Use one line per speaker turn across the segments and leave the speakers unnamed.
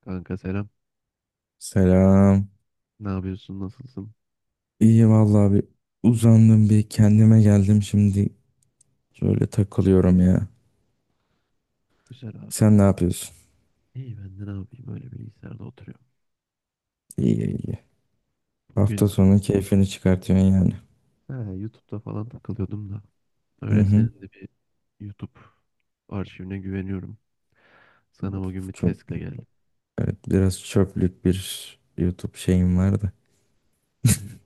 Kanka selam.
Selam.
Ne yapıyorsun? Nasılsın?
İyi vallahi bir uzandım bir kendime geldim şimdi şöyle takılıyorum ya.
Güzel abi.
Sen ne yapıyorsun?
İyi ben de ne yapayım? Öyle bilgisayarda oturuyorum.
İyi iyi. Hafta
Bugün
sonu keyfini çıkartıyorsun yani.
ha, YouTube'da falan takılıyordum da.
Hı
Öyle senin
hı.
de bir YouTube arşivine güveniyorum. Sana bugün bir
Çok
testle geldim.
evet, biraz çöplük bir YouTube şeyim vardı.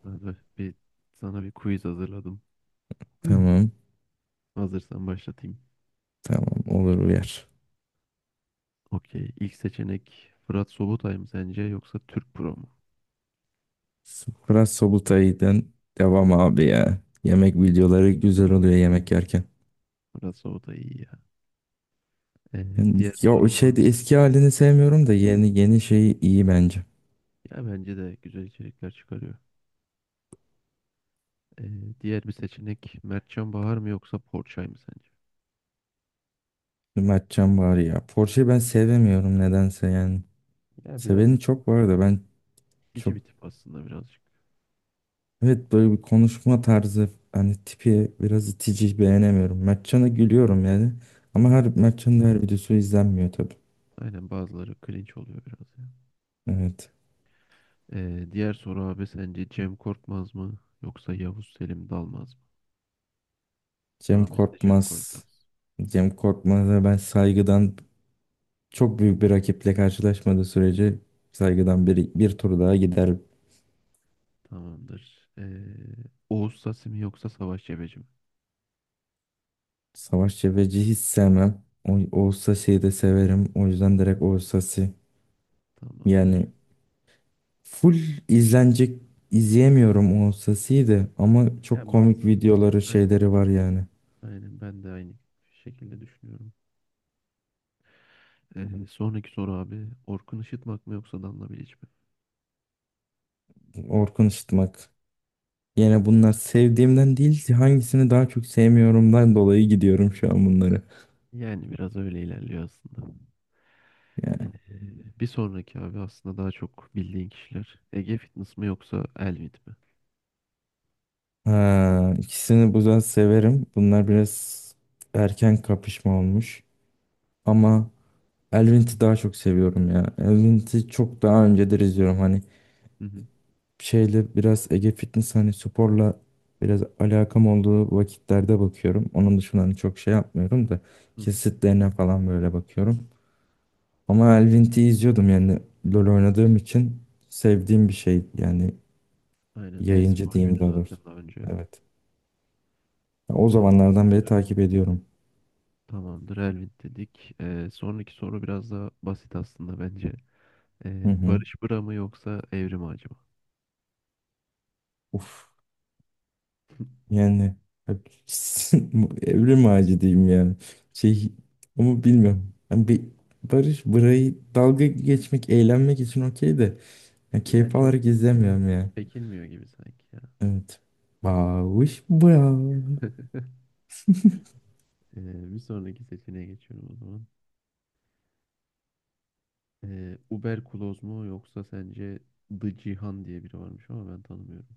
Sana bir, Sana bir quiz hazırladım.
Tamam
Hazırsan başlatayım.
tamam olur uyar.
Okey. İlk seçenek Fırat Sobutay mı sence yoksa Türk Pro mu?
Biraz Sobutay'dan devam abi ya. Yemek videoları güzel oluyor yemek yerken.
Fırat Sobutay iyi ya. Ee,
Yani,
Diğer
ya o
sorum
şeyde eski halini sevmiyorum da yeni yeni şeyi iyi bence.
ya bence de güzel içerikler çıkarıyor. Ee, Diğer bir seçenek Mertcan Bahar mı yoksa Porçay mı sence?
Mertcan var ya. Porsche'yi ben sevemiyorum nedense yani.
Ya biraz
Seveni
it-
çok var da ben
İtici
çok
bir tip aslında birazcık.
evet, böyle bir konuşma tarzı hani tipi biraz itici beğenemiyorum. Mertcan'a gülüyorum yani.
Hı
Ama her
hı.
Mertcan'ın her videosu izlenmiyor tabii.
Aynen bazıları cringe oluyor biraz ya.
Evet.
Diğer soru abi sence Cem Korkmaz mı yoksa Yavuz Selim Dalmaz mı?
Cem
Rahmetli Cem
Korkmaz.
Korkmaz.
Cem Korkmaz'a ben saygıdan çok büyük bir rakiple karşılaşmadığı sürece saygıdan bir tur daha gider.
Tamamdır. Oğuz Sasi mi yoksa Savaş Cebeci mi?
Savaş Cebeci hiç sevmem. O, Oğuz Sasi'yi de severim. O yüzden direkt Oğuz Sasi.
Tamamdır.
Yani full izlenecek izleyemiyorum o sesiyi de ama çok
Ya
komik
bazı
videoları
aynen
şeyleri var yani.
aynen ben de aynı şekilde düşünüyorum. Sonraki soru abi Orkun Işıtmak mı yoksa Danla Bilic mi?
Orkun Işıtmak. Yine bunlar sevdiğimden değil hangisini daha çok sevmiyorumdan dolayı gidiyorum şu an bunları.
Yani biraz öyle ilerliyor aslında. Ee,
Yani.
Bir sonraki abi aslında daha çok bildiğin kişiler. Ege Fitness mi yoksa Elvin mi?
Ha, ikisini bu yüzden severim. Bunlar biraz erken kapışma olmuş. Ama Elvint'i daha çok seviyorum ya. Elvint'i çok daha öncedir izliyorum. Hani
Hı hı.
şeyle biraz Ege Fitness hani sporla biraz alakam olduğu vakitlerde bakıyorum. Onun dışında hani çok şey yapmıyorum da
Hı hı.
kesitlerine falan böyle bakıyorum. Ama Elvin T'i izliyordum yani LoL oynadığım için sevdiğim bir şey yani
Aynen
yayıncı diyeyim
e-sporcuydu
daha
zaten
doğrusu.
daha önce.
Evet. Ya o
Tamam,
zamanlardan beri takip ediyorum.
tamamdır Elvin dedik. Sonraki soru biraz daha basit aslında bence.
Hı hı.
Barış Bıra mı yoksa Evrim Ağacı mı?
Uf. Yani hep- evrim ağacı diyeyim yani. Şey ama bilmiyorum. Yani bir Barış burayı dalga geçmek, eğlenmek için okey de ya
Yani
keyif
çok
alarak izlemiyorum ya.
çekilmiyor gibi sanki ya.
Evet. Bavuş bu ya.
Bir sonraki seçeneğe geçiyorum o zaman. Uber Kloz mu yoksa sence The Cihan diye biri varmış ama ben tanımıyorum.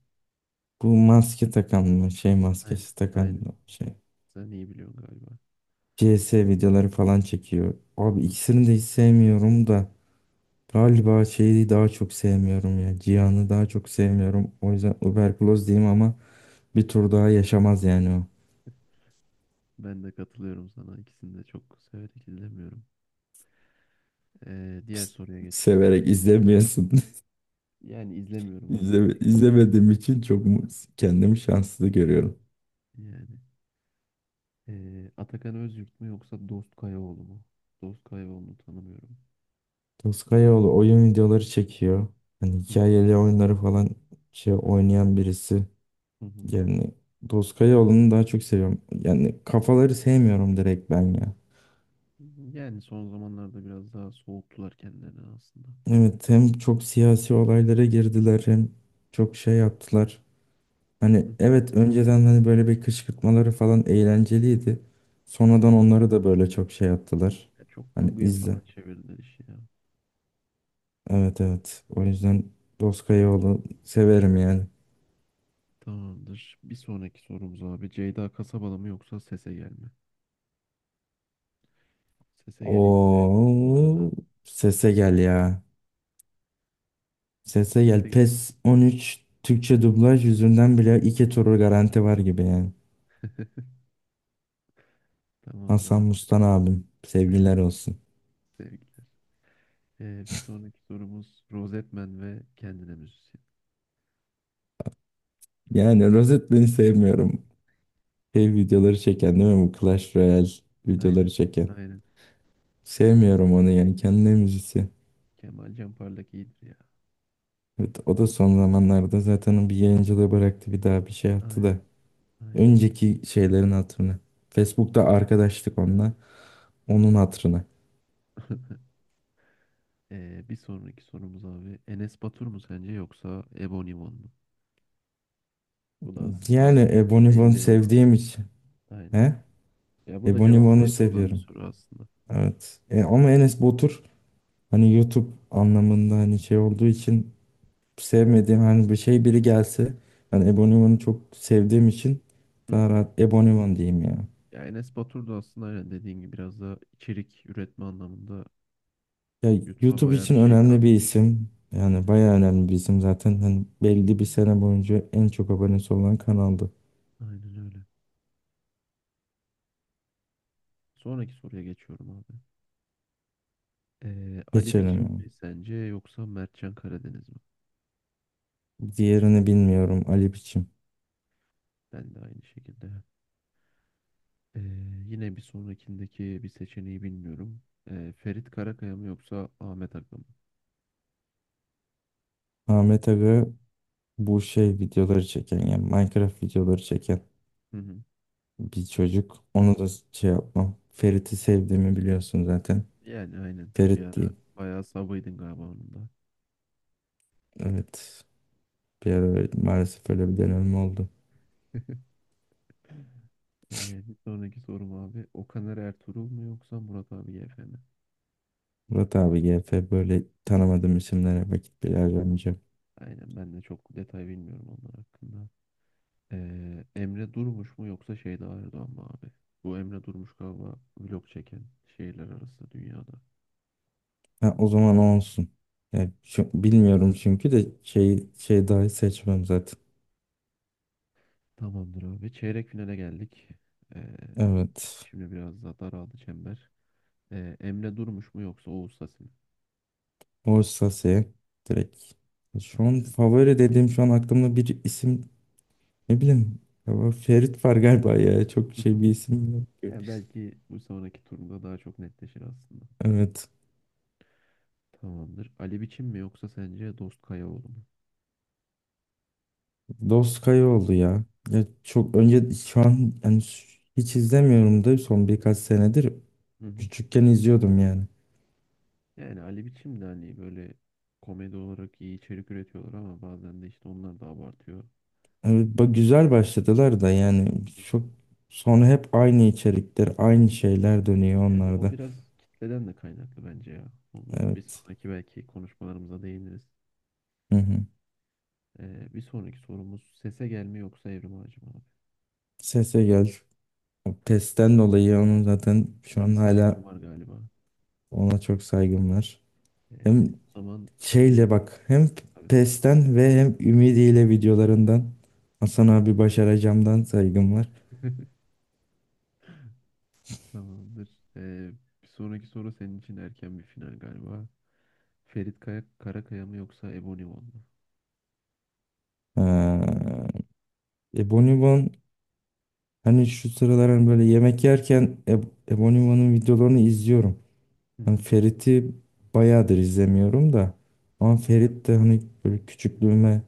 Bu maske takan mı? Şey
Aynen,
maskesi takan
aynen.
mı? Şey.
Sen iyi biliyorsun galiba.
CS videoları falan çekiyor. Abi
Hı.
ikisini de hiç sevmiyorum da. Galiba şeyi daha çok sevmiyorum ya. Cihan'ı daha çok sevmiyorum. O yüzden Uberkloz diyeyim ama bir tur daha yaşamaz yani o.
Ben de katılıyorum sana. İkisini de çok severek izlemiyorum. Diğer
Pst,
soruya geçiyorum.
severek izlemiyorsun.
Yani izlemiyorum
İzleme,
aslında genel olarak.
izlemediğim için kendimi şanslı görüyorum.
Yani Atakan Özyurt mu yoksa Dost Kayaoğlu mu? Dost Kayaoğlu'nu tanımıyorum.
Toskayaoğlu oyun videoları çekiyor. Hani
Hı hı,
hikayeli oyunları falan şey oynayan birisi.
hı hı.
Yani Toskayaoğlu'nu daha çok seviyorum. Yani kafaları sevmiyorum direkt ben ya.
Yani son zamanlarda biraz daha soğuttular kendilerini aslında.
Evet, hem çok siyasi olaylara girdiler hem çok
Hı
şey
hı,
yaptılar. Hani
hı.
evet önceden hani böyle bir kışkırtmaları falan eğlenceliydi. Sonradan
Aynen.
onları da böyle çok şey yaptılar.
Ya çok
Hani
kurguya
izle.
falan çevirdiler işi ya.
Evet evet. O yüzden Doskayoğlu severim yani.
Tamamdır. Bir sonraki sorumuz abi. Ceyda Kasabalı mı yoksa Sese Gel mi? Sese Gel'i hiç sevmiyorum bu
Oo,
arada.
sese gel ya. Sese gel.
Sese Gel.
PES 13 Türkçe dublaj yüzünden bile iki turu garanti var gibi yani.
Tamamdır
Hasan
abi.
Mustan abim. Sevgiler olsun.
Sevgiler. Bir sonraki sorumuz Rozetmen ve kendine müzisyen.
Yani Rozet beni sevmiyorum. Şey videoları çeken değil mi bu Clash Royale
Aynen.
videoları çeken.
Aynen.
Sevmiyorum onu yani kendi müzisi.
Kemal Canpar'daki iyidir ya.
Evet, o da son zamanlarda zaten o bir yayıncılığı bıraktı bir daha bir şey yaptı da.
Aynen. Aynen.
Önceki şeylerin hatırına. Facebook'ta arkadaşlık onunla. Onun
Aynen.
hatırına.
Bir sonraki sorumuz abi Enes Batur mu sence yoksa Ebon Iman mı? Bu da aslında
Yani
azıcık
Ebony Van'ı
belli olan.
sevdiğim için.
Aynen.
He?
Ya bu da
Ebony
cevabı
Van'ı
belli olan bir
seviyorum.
soru aslında.
Evet. Ama Enes Batur hani YouTube anlamında hani şey olduğu için sevmediğim hani bir şey biri gelse hani Ebony Van'ı çok sevdiğim için
Hı hı.
daha rahat Ebony Van diyeyim ya.
Ya Enes Batur da aslında aynen dediğin gibi biraz da içerik üretme anlamında
Ya
YouTube'a
YouTube
bayağı bir
için
şey
önemli bir
katmış.
isim. Yani
Aynen.
bayağı önemli bir isim zaten. Hani belli bir sene boyunca en çok abonesi olan kanaldı.
Aynen öyle. Sonraki soruya geçiyorum abi. Ali
Geçelim
Biçim
yani.
mi sence yoksa Mertcan Karadeniz mi?
Diğerini bilmiyorum. Ali Biçim.
Ben de aynı şekilde. Ee, Yine bir sonrakindeki bir seçeneği bilmiyorum. Ferit Karakaya mı yoksa Ahmet Akın mı?
Ahmet Aga bu şey videoları çeken yani Minecraft videoları çeken
Hı hı.
bir çocuk. Onu da şey yapmam. Ferit'i sevdiğimi biliyorsun zaten.
Yani aynen. Bir
Ferit
ara
diyeyim.
bayağı sabıydın galiba onun da.
Evet. Bir ara maalesef öyle bir dönemim oldu.
Bir sonraki sorum abi. Okaner Ertuğrul mu yoksa Murat abi YF mi?
Murat abi G F böyle tanımadığım isimlere vakit bile harcamayacağım.
Aynen ben de çok detay bilmiyorum onlar hakkında. Emre Durmuş mu yoksa Şeyda Erdoğan mı abi? Bu Emre Durmuş galiba vlog çeken şehirler arası dünyada.
Ha, o zaman o olsun. Yani bilmiyorum çünkü de
Hı.
şey dahi seçmem zaten.
Tamamdır abi. Çeyrek finale geldik. Ee,
Evet.
Şimdi biraz daha daraldı çember. Emre Durmuş mu yoksa Oğuz Sasi mi?
O Orsase direkt. Şu an favori dediğim şu an aklımda bir isim. Ne bileyim. Ama Ferit var galiba ya. Çok şey bir isim yok ki.
Yani belki bu sonraki turda daha çok netleşir aslında.
Evet.
Tamamdır. Ali Biçim mi yoksa sence Dost Kayaoğlu mu?
Doskay oldu ya. Ya çok önce şu an yani hiç izlemiyorum da son birkaç senedir
Hı hı.
küçükken izliyordum yani.
Yani Ali Biçim de hani böyle komedi olarak iyi içerik üretiyorlar ama bazen de işte onlar da abartıyor.
Evet, bak güzel başladılar da yani
Hı hı.
çok sonra hep aynı içerikler, aynı şeyler dönüyor
Yani o
onlarda.
biraz kitleden de kaynaklı bence ya. Onu bir
Evet.
sonraki belki konuşmalarımıza değiniriz.
Hı hı.
Bir sonraki sorumuz sese gelme yoksa evrim ağacı mı abi?
Sese gel. O testten dolayı onun zaten şu
Buna bir
an
saygım
hala
var galiba.
ona çok saygım var.
Ee,
Hem
O zaman
şeyle
senin
bak hem
abi.
PES'ten ve hem Ümidi ile videolarından Hasan abi başaracağımdan saygım var.
Tamamdır. Ee, Bir sonraki soru senin için erken bir final galiba. Karakaya mı yoksa Ebony One mu?
Ee, Ebonibon hani şu sıralar hani böyle yemek yerken Ebonibon'un videolarını izliyorum.
Hı
Hani
hı.
Ferit'i bayağıdır izlemiyorum da ama
Evet.
Ferit de hani böyle küçüklüğüme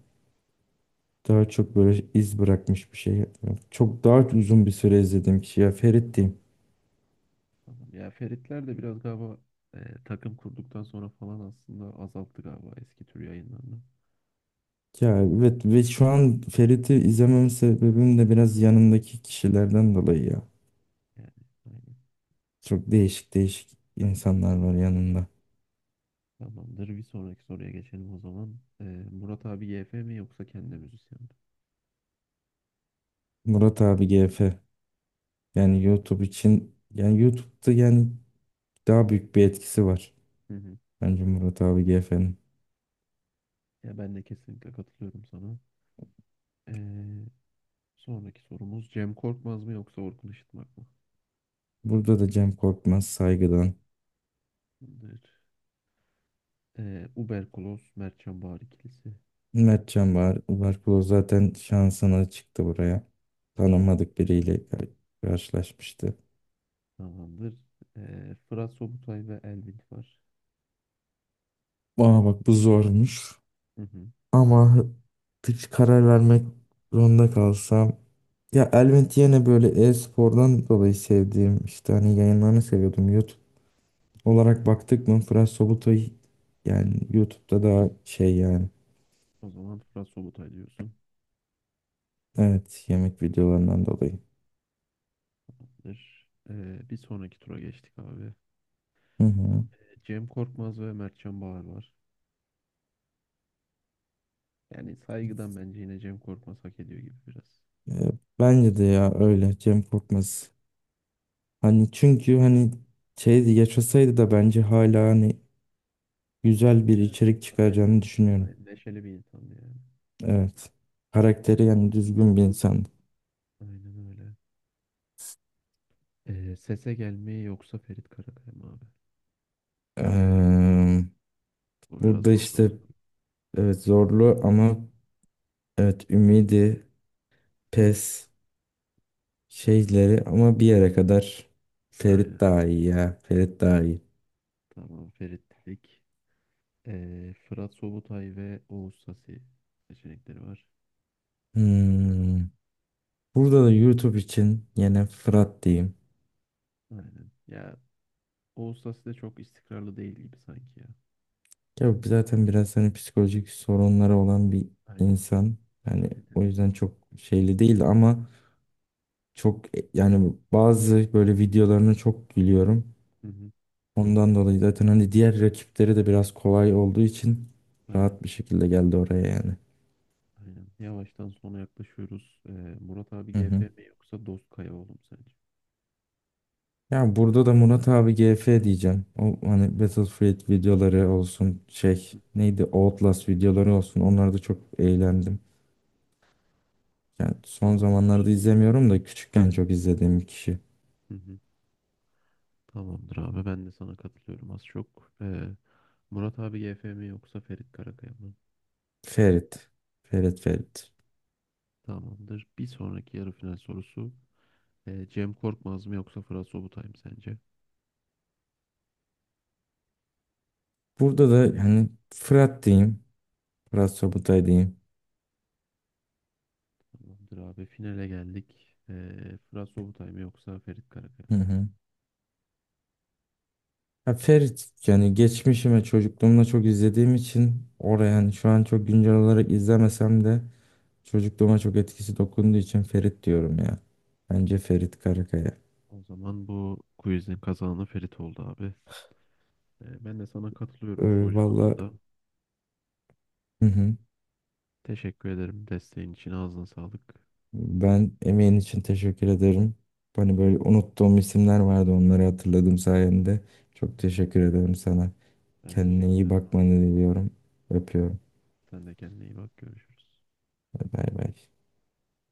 daha çok böyle iz bırakmış bir şey. Çok daha uzun bir süre izlediğim kişi ya Ferit diyeyim.
Tamam. Ya Feritler de biraz galiba e, takım kurduktan sonra falan aslında azalttı galiba eski tür yayınlarını.
Ya evet ve şu an Ferit'i izlemem sebebim de biraz yanındaki kişilerden dolayı ya.
Yani aynen.
Çok değişik değişik insanlar var yanında.
Tamamdır. Bir sonraki soruya geçelim o zaman. Murat abi YF mi yoksa kendi müzisyen mi?
Murat abi GF yani YouTube için yani YouTube'da yani daha büyük bir etkisi var.
Hı hı.
Bence Murat abi GF'nin.
Ya ben de kesinlikle katılıyorum sana. Ee, Sonraki sorumuz Cem Korkmaz mı yoksa Orkun Işıtmak mı?
Burada da Cem Korkmaz saygıdan.
Tamamdır. Uber Kloss, Mert Çambağır
Mertcan var. Barkolo zaten şansına çıktı buraya. Tanımadık biriyle karşılaşmıştı.
Tamamdır. Fırat Sobutay ve Elvin var.
Aa bak bu zormuş.
Hı hı.
Ama hiç karar vermek zorunda kalsam. Ya elbet yine böyle e-spordan dolayı sevdiğim işte hani yayınlarını seviyordum. YouTube olarak baktık mı Fırat Sobutay yani YouTube'da daha şey yani.
O zaman Fırat Sobutay diyorsun.
Evet yemek videolarından dolayı.
Tamamdır. Bir sonraki tura geçtik abi.
Hı hı.
Cem Korkmaz ve Mert Çambağır var. Yani saygıdan bence yine Cem Korkmaz hak ediyor gibi biraz.
E, Bence de ya öyle Cem Korkmaz. Hani çünkü hani şeydi yaşasaydı da bence hala hani güzel bir
Evet.
içerik
Aynen.
çıkaracağını düşünüyorum.
Aynen. Neşeli bir insandı yani.
Evet. Karakteri yani düzgün bir insan.
Aynen öyle. Sese gelmeyi yoksa Ferit Karakaya mı abi?
Eee,
Bu biraz
Burada
zorlu bir
işte
soru.
evet zorlu ama evet ümidi,
Hı.
pes şeyleri ama bir yere kadar Ferit
Aynen.
daha iyi ya. Ferit daha iyi.
Tamam Ferit dedik. Fırat Sobutay ve Oğuz Sasi seçenekleri var.
Hmm, burada da YouTube için yine Fırat diyeyim.
Aynen. Ya Oğuz Sasi de çok istikrarlı değil gibi sanki ya.
Ya bu zaten biraz hani psikolojik sorunları olan bir
Aynen.
insan. Yani
Aynen.
o yüzden çok şeyli değil ama çok yani bazı böyle videolarına çok gülüyorum.
Hı hı,
Ondan dolayı zaten hani diğer rakipleri de biraz kolay olduğu için
aynen.
rahat bir şekilde geldi oraya yani.
Aynen. Yavaştan sona yaklaşıyoruz. Murat abi
Hı
GF
hı.
mi yoksa Dost Kayaoğlu mu sence?
Ya burada da Murat abi GF diyeceğim. O
Hı
hani
hı,
Battlefield videoları olsun şey
hı.
neydi Outlast videoları olsun onlarda çok eğlendim. Yani son
Tamamdır.
zamanlarda izlemiyorum da küçükken çok izlediğim bir kişi.
Hı hı. Tamamdır abi ben de sana katılıyorum az çok. Murat abi YF mi yoksa Ferit Karakaya mı?
Ferit. Ferit Ferit.
Tamamdır. Bir sonraki yarı final sorusu. Cem Korkmaz mı yoksa Fırat Sobutay mı sence?
Burada da hani Fırat diyeyim. Fırat Sobutay diyeyim.
Tamamdır abi finale geldik. Fırat Sobutay mı yoksa Ferit Karakaya
Hı
mı?
hı. Ya Ferit yani geçmişime çocukluğumda çok izlediğim için oraya
Hı hı.
yani şu an çok güncel olarak izlemesem de çocukluğuma çok etkisi dokunduğu için Ferit diyorum ya. Bence Ferit Karakaya.
O zaman bu quizin kazananı Ferit oldu abi. Ben de sana katılıyorum çoğu
Valla,
cevabında.
hı hı.
Teşekkür ederim desteğin için ağzına sağlık.
Ben emeğin için teşekkür ederim. Hani böyle unuttuğum isimler vardı onları hatırladım sayende. Çok
Hı.
teşekkür ederim sana.
Ben
Kendine
teşekkür
iyi
ederim abi.
bakmanı diliyorum. Öpüyorum.
Sen de kendine iyi bak görüşürüz.
Bay bay.